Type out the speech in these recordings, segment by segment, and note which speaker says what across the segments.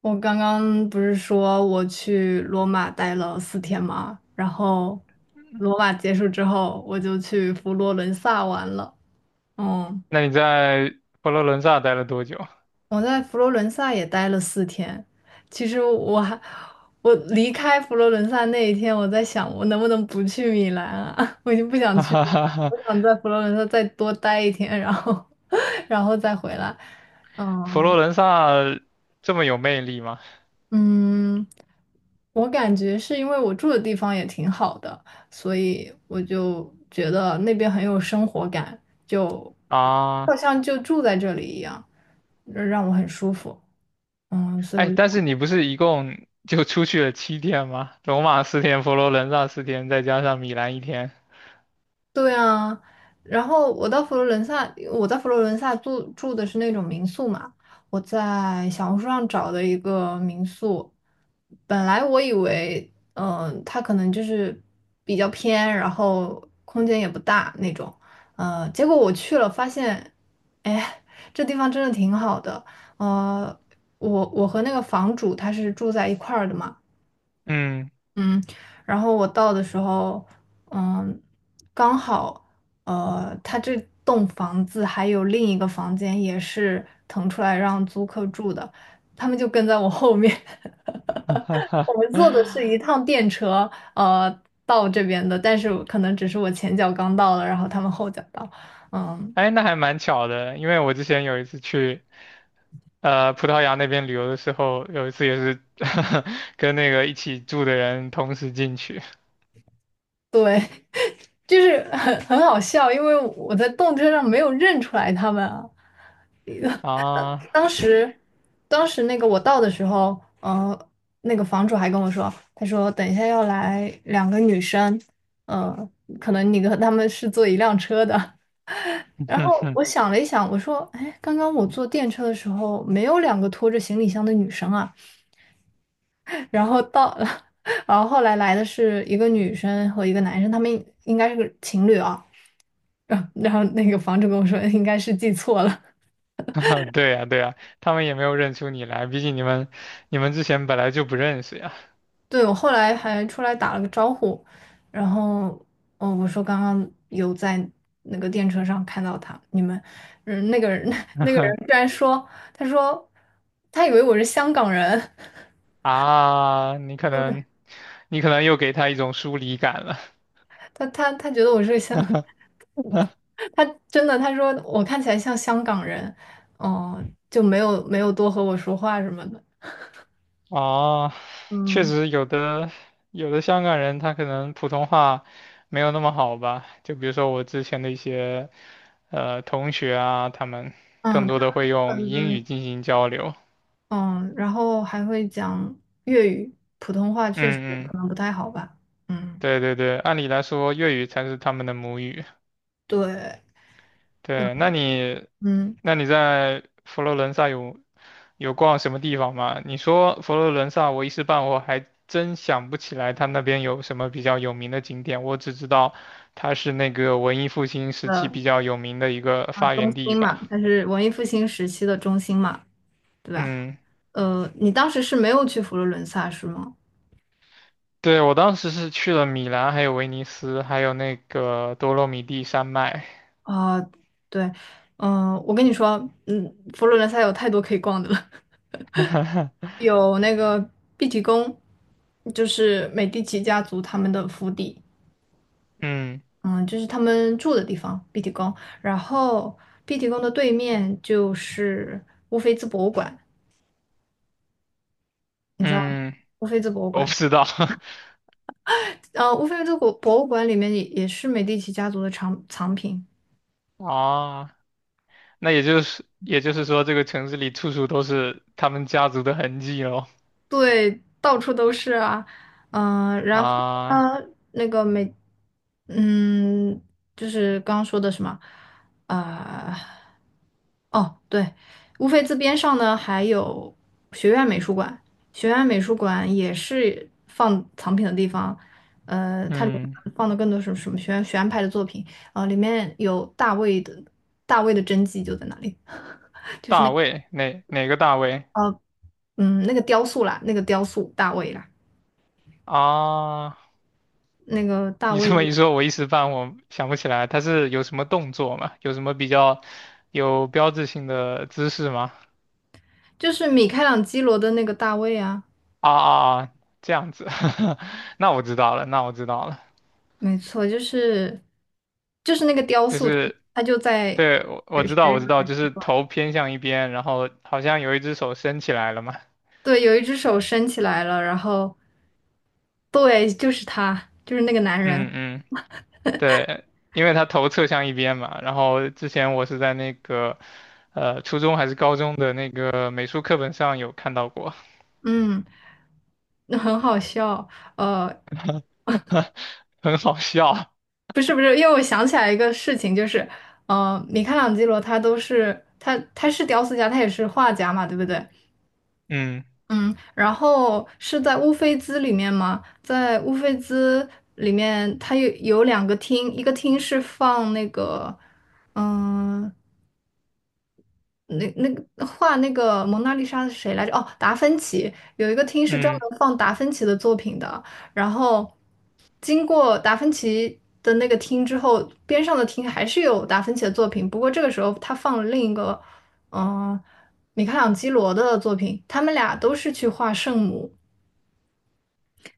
Speaker 1: 我刚刚不是说我去罗马待了四天吗？然后罗马结束之后，我就去佛罗伦萨玩了。嗯，
Speaker 2: 那你在佛罗伦萨待了多久？
Speaker 1: 我在佛罗伦萨也待了四天。其实我离开佛罗伦萨那一天，我在想我能不能不去米兰啊？我已经不 想
Speaker 2: 哈
Speaker 1: 去
Speaker 2: 哈
Speaker 1: 米
Speaker 2: 哈
Speaker 1: 兰了，
Speaker 2: 哈，
Speaker 1: 我想在佛罗伦萨再多待一天，然后 然后再回来。
Speaker 2: 佛
Speaker 1: 嗯，
Speaker 2: 罗伦萨这么有魅力吗？
Speaker 1: 嗯，我感觉是因为我住的地方也挺好的，所以我就觉得那边很有生活感，就好
Speaker 2: 啊，
Speaker 1: 像就住在这里一样，让我很舒服。所
Speaker 2: 哎，
Speaker 1: 以
Speaker 2: 但
Speaker 1: 我
Speaker 2: 是你不是一共就出去了7天吗？罗马四天，佛罗伦萨四天，再加上米兰1天。
Speaker 1: 对啊，然后我到佛罗伦萨，我在佛罗伦萨住的是那种民宿嘛，我在小红书上找的一个民宿，本来我以为，它可能就是比较偏，然后空间也不大那种，结果我去了发现，哎，这地方真的挺好的，呃，我和那个房主他是住在一块儿的嘛。
Speaker 2: 嗯，
Speaker 1: 嗯，然后我到的时候，嗯，刚好，他这栋房子还有另一个房间也是腾出来让租客住的，他们就跟在我后面。
Speaker 2: 哈哈 哈，
Speaker 1: 我们坐的是一 趟电车，呃，到这边的，但是可能只是我前脚刚到了，然后他们后脚到。嗯，
Speaker 2: 哎，那还蛮巧的，因为我之前有一次去。葡萄牙那边旅游的时候，有一次也是 跟那个一起住的人同时进去
Speaker 1: 对，就是很好笑，因为我在动车上没有认出来他们啊。
Speaker 2: 啊，
Speaker 1: 当时，当时，我到的时候，那个房主还跟我说，他说等一下要来两个女生，呃，可能你跟他们是坐一辆车的。然后我 想了一想，我说，哎，刚刚我坐电车的时候没有两个拖着行李箱的女生啊。然后到了，然后后来来的是一个女生和一个男生，他们应该是个情侣啊。然后那个房主跟我说，应该是记错了。
Speaker 2: 对呀，对呀，他们也没有认出你来，毕竟你们之前本来就不认识呀。
Speaker 1: 对，我后来还出来打了个招呼，然后，哦，我说刚刚有在那个电车上看到他，你们，那个人 那个人居然说，他说他以为我是香港人，
Speaker 2: 啊，你可
Speaker 1: 对
Speaker 2: 能你可能又给他一种疏离感了。
Speaker 1: 他觉得我是香，他真的他说我看起来像香港人，哦、就没有多和我说话什么的，
Speaker 2: 哦，确
Speaker 1: 嗯
Speaker 2: 实有的香港人他可能普通话没有那么好吧，就比如说我之前的一些同学啊，他们
Speaker 1: 嗯，
Speaker 2: 更多的会
Speaker 1: 他
Speaker 2: 用
Speaker 1: 们
Speaker 2: 英
Speaker 1: 的
Speaker 2: 语进行交流。
Speaker 1: 嗯，然后还会讲粤语，普通话确实
Speaker 2: 嗯嗯，
Speaker 1: 可能不太好吧，嗯。
Speaker 2: 对对对，按理来说粤语才是他们的母语。
Speaker 1: 对，嗯
Speaker 2: 对，那你
Speaker 1: 嗯，
Speaker 2: 那你在佛罗伦萨有逛什么地方吗？你说佛罗伦萨，我一时半会儿还真想不起来，它那边有什么比较有名的景点。我只知道它是那个文艺复兴时期比
Speaker 1: 的
Speaker 2: 较有名的一个发
Speaker 1: 中
Speaker 2: 源地
Speaker 1: 心嘛，
Speaker 2: 吧。
Speaker 1: 它是文艺复兴时期的中心嘛，对吧？
Speaker 2: 嗯，
Speaker 1: 你当时是没有去佛罗伦萨是吗？
Speaker 2: 对，我当时是去了米兰，还有威尼斯，还有那个多洛米蒂山脉。
Speaker 1: 啊、对，我跟你说，佛罗伦萨有太多可以逛的了，有那个碧提宫，就是美第奇家族他们的府邸，
Speaker 2: 嗯
Speaker 1: 嗯，就是他们住的地方，碧提宫。然后碧提宫的对面就是乌菲兹博物馆，你知道吗？
Speaker 2: 嗯，
Speaker 1: 乌菲兹博物
Speaker 2: 我不
Speaker 1: 馆。
Speaker 2: 知道
Speaker 1: 乌菲兹博物馆里面也是美第奇家族的藏品，
Speaker 2: 啊。那也就是说，这个城市里处处都是他们家族的痕迹喽。
Speaker 1: 对，到处都是啊。然后
Speaker 2: 啊，
Speaker 1: 呢，那个美，嗯，就是刚刚说的什么，呃，哦，对，乌菲兹边上呢还有学院美术馆，学院美术馆也是放藏品的地方，它里
Speaker 2: 嗯，
Speaker 1: 面放的更多是什么学院派的作品，啊，里面有大卫的真迹就在那里。
Speaker 2: 大卫，哪个大卫？
Speaker 1: 嗯，那个雕塑啦，那个雕塑大卫啦，
Speaker 2: 啊，
Speaker 1: 那个大
Speaker 2: 你
Speaker 1: 卫
Speaker 2: 这么一说，我一时半会想不起来，他是有什么动作吗？有什么比较有标志性的姿势吗？
Speaker 1: 就是米开朗基罗的那个大卫啊，
Speaker 2: 啊啊啊，这样子，那我知道了，那我知道了，
Speaker 1: 没错，就是那个雕
Speaker 2: 就
Speaker 1: 塑，
Speaker 2: 是
Speaker 1: 他就在
Speaker 2: 对，我
Speaker 1: 水
Speaker 2: 知
Speaker 1: 学
Speaker 2: 道
Speaker 1: 院
Speaker 2: 我知道，就是头偏向一边，然后好像有一只手伸起来了嘛。
Speaker 1: 对，有一只手伸起来了，然后对，就是他，就是那个男人，
Speaker 2: 嗯嗯对，因为他头侧向一边嘛。然后之前我是在那个初中还是高中的那个美术课本上有看到过，
Speaker 1: 嗯，那很好笑，呃，
Speaker 2: 很好笑。
Speaker 1: 不是不是，因为我想起来一个事情，就是米开朗基罗他是雕塑家，他也是画家嘛，对不对？
Speaker 2: 嗯
Speaker 1: 嗯，然后是在乌菲兹里面吗？在乌菲兹里面，它有两个厅，一个厅是放那个，嗯、那个画那个蒙娜丽莎的是谁来着？哦，达芬奇。有一个厅是专
Speaker 2: 嗯，
Speaker 1: 门放达芬奇的作品的。然后经过达芬奇的那个厅之后，边上的厅还是有达芬奇的作品，不过这个时候他放了另一个，嗯、米开朗基罗的作品，他们俩都是去画圣母。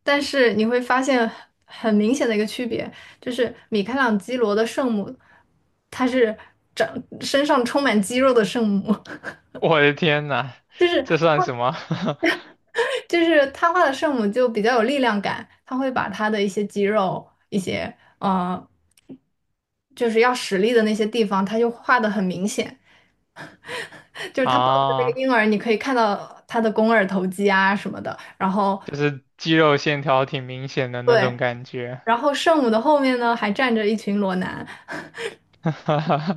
Speaker 1: 但是你会发现很明显的一个区别，就是米开朗基罗的圣母，她是长身上充满肌肉的圣母，
Speaker 2: 我的天呐，
Speaker 1: 就是
Speaker 2: 这算什么
Speaker 1: 他画的圣母就比较有力量感，他会把他的一些肌肉、一些就是要使力的那些地方，他就画的很明显，就是 他抱着那个
Speaker 2: 啊？
Speaker 1: 婴儿，你可以看到他的肱二头肌啊什么的，然后
Speaker 2: 就是肌肉线条挺明显的那种
Speaker 1: 对，
Speaker 2: 感觉。
Speaker 1: 然后圣母的后面呢还站着一群裸男。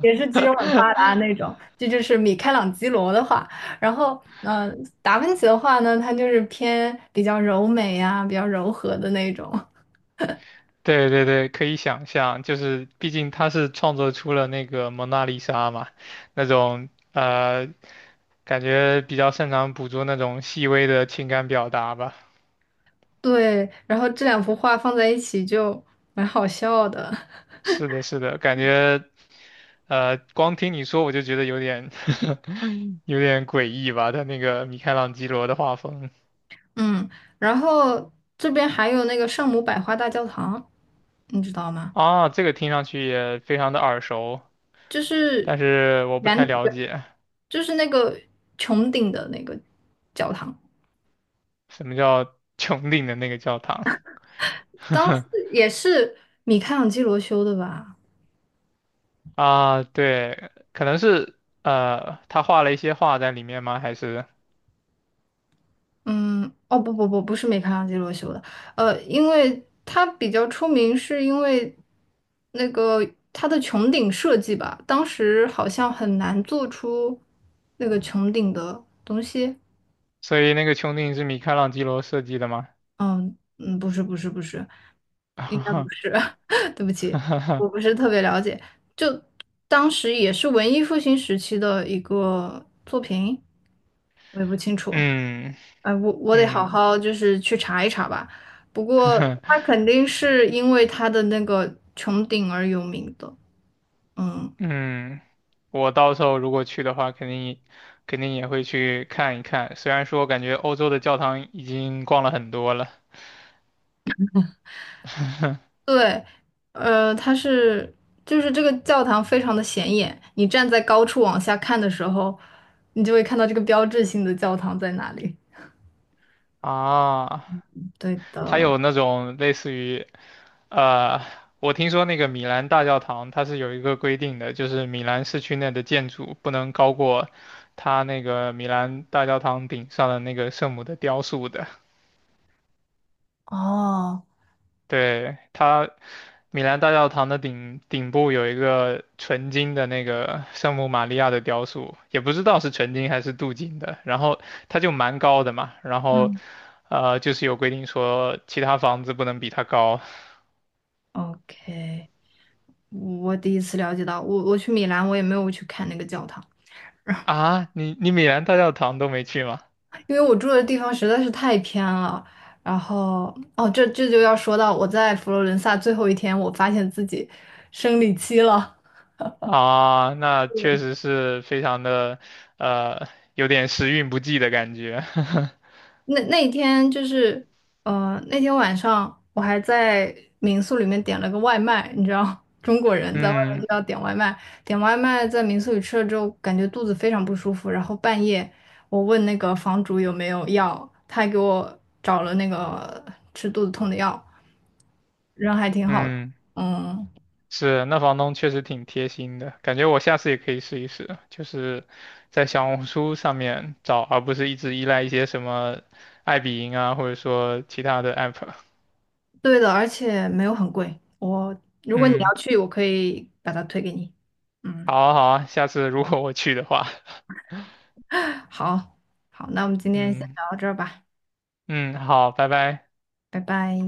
Speaker 1: 也是肌肉很发达那 种，这就是米开朗基罗的画。然后，达芬奇的画呢，它就是偏比较柔美呀、比较柔和的那种。
Speaker 2: 对对对，可以想象，就是毕竟他是创作出了那个蒙娜丽莎嘛，那种感觉比较擅长捕捉那种细微的情感表达吧。
Speaker 1: 对，然后这两幅画放在一起就蛮好笑的。
Speaker 2: 是的，是的，感觉光听你说我就觉得有点 有点诡异吧，他那个米开朗基罗的画风
Speaker 1: 嗯，然后这边还有那个圣母百花大教堂，你知道吗？
Speaker 2: 啊，这个听上去也非常的耳熟，
Speaker 1: 就
Speaker 2: 但
Speaker 1: 是
Speaker 2: 是我不
Speaker 1: 圆
Speaker 2: 太了
Speaker 1: 圆，
Speaker 2: 解
Speaker 1: 就是那个穹顶的那个教堂，
Speaker 2: 什么叫 穹顶的那个教堂。
Speaker 1: 当时 也是米开朗基罗修的吧？
Speaker 2: 啊，对，可能是他画了一些画在里面吗？还是
Speaker 1: 嗯，哦不不不，不是米开朗基罗修的，因为他比较出名，是因为那个他的穹顶设计吧，当时好像很难做出那个穹顶的东西。
Speaker 2: 所以那个穹顶是米开朗基罗设计的吗？
Speaker 1: 嗯，不是不是不是，应该不是，对不起，我 不是特别了解。就当时也是文艺复兴时期的一个作品，我也不清楚。
Speaker 2: 嗯
Speaker 1: 哎，我得好
Speaker 2: 嗯
Speaker 1: 好就是去查一查吧。不过它 肯定是因为它的那个穹顶而有名的。嗯，
Speaker 2: 嗯，我到时候如果去的话，肯定也会去看一看。虽然说感觉欧洲的教堂已经逛了很多了
Speaker 1: 对，呃，它是就是这个教堂非常的显眼，你站在高处往下看的时候，你就会看到这个标志性的教堂在哪里。
Speaker 2: 啊，
Speaker 1: 对
Speaker 2: 它
Speaker 1: 的，
Speaker 2: 有那种类似于呃，我听说那个米兰大教堂它是有一个规定的，就是米兰市区内的建筑不能高过它那个米兰大教堂顶上的那个圣母的雕塑的。
Speaker 1: 哦，
Speaker 2: 对，它米兰大教堂的顶部有一个纯金的那个圣母玛利亚的雕塑，也不知道是纯金还是镀金的，然后它就蛮高的嘛，然后
Speaker 1: 嗯，
Speaker 2: 就是有规定说其他房子不能比它高
Speaker 1: OK，我第一次了解到，我去米兰，我也没有去看那个教堂。
Speaker 2: 啊。你米兰大教堂都没去吗？
Speaker 1: 因为我住的地方实在是太偏了，然后这就要说到我在佛罗伦萨最后一天，我发现自己生理期了。
Speaker 2: 啊，那确
Speaker 1: 对，
Speaker 2: 实是非常的，呃，有点时运不济的感觉。
Speaker 1: 那一天就是，那天晚上我还在民宿里面点了个外卖，你知道，中国人在外面
Speaker 2: 嗯
Speaker 1: 都要点外卖，点外卖在民宿里吃了之后，感觉肚子非常不舒服，然后半夜我问那个房主有没有药，他还给我找了那个吃肚子痛的药，人还挺好的，
Speaker 2: 嗯，
Speaker 1: 嗯。
Speaker 2: 是，那房东确实挺贴心的，感觉我下次也可以试一试，就是在小红书上面找，而不是一直依赖一些什么爱彼迎啊，或者说其他的 app。
Speaker 1: 对的，而且没有很贵。我如果你
Speaker 2: 嗯，
Speaker 1: 要去，我可以把它推给你。嗯，
Speaker 2: 好啊好啊，下次如果我去的话，
Speaker 1: 好，好，那我们今 天先
Speaker 2: 嗯
Speaker 1: 聊到这儿吧，
Speaker 2: 嗯，好，拜拜。
Speaker 1: 拜拜。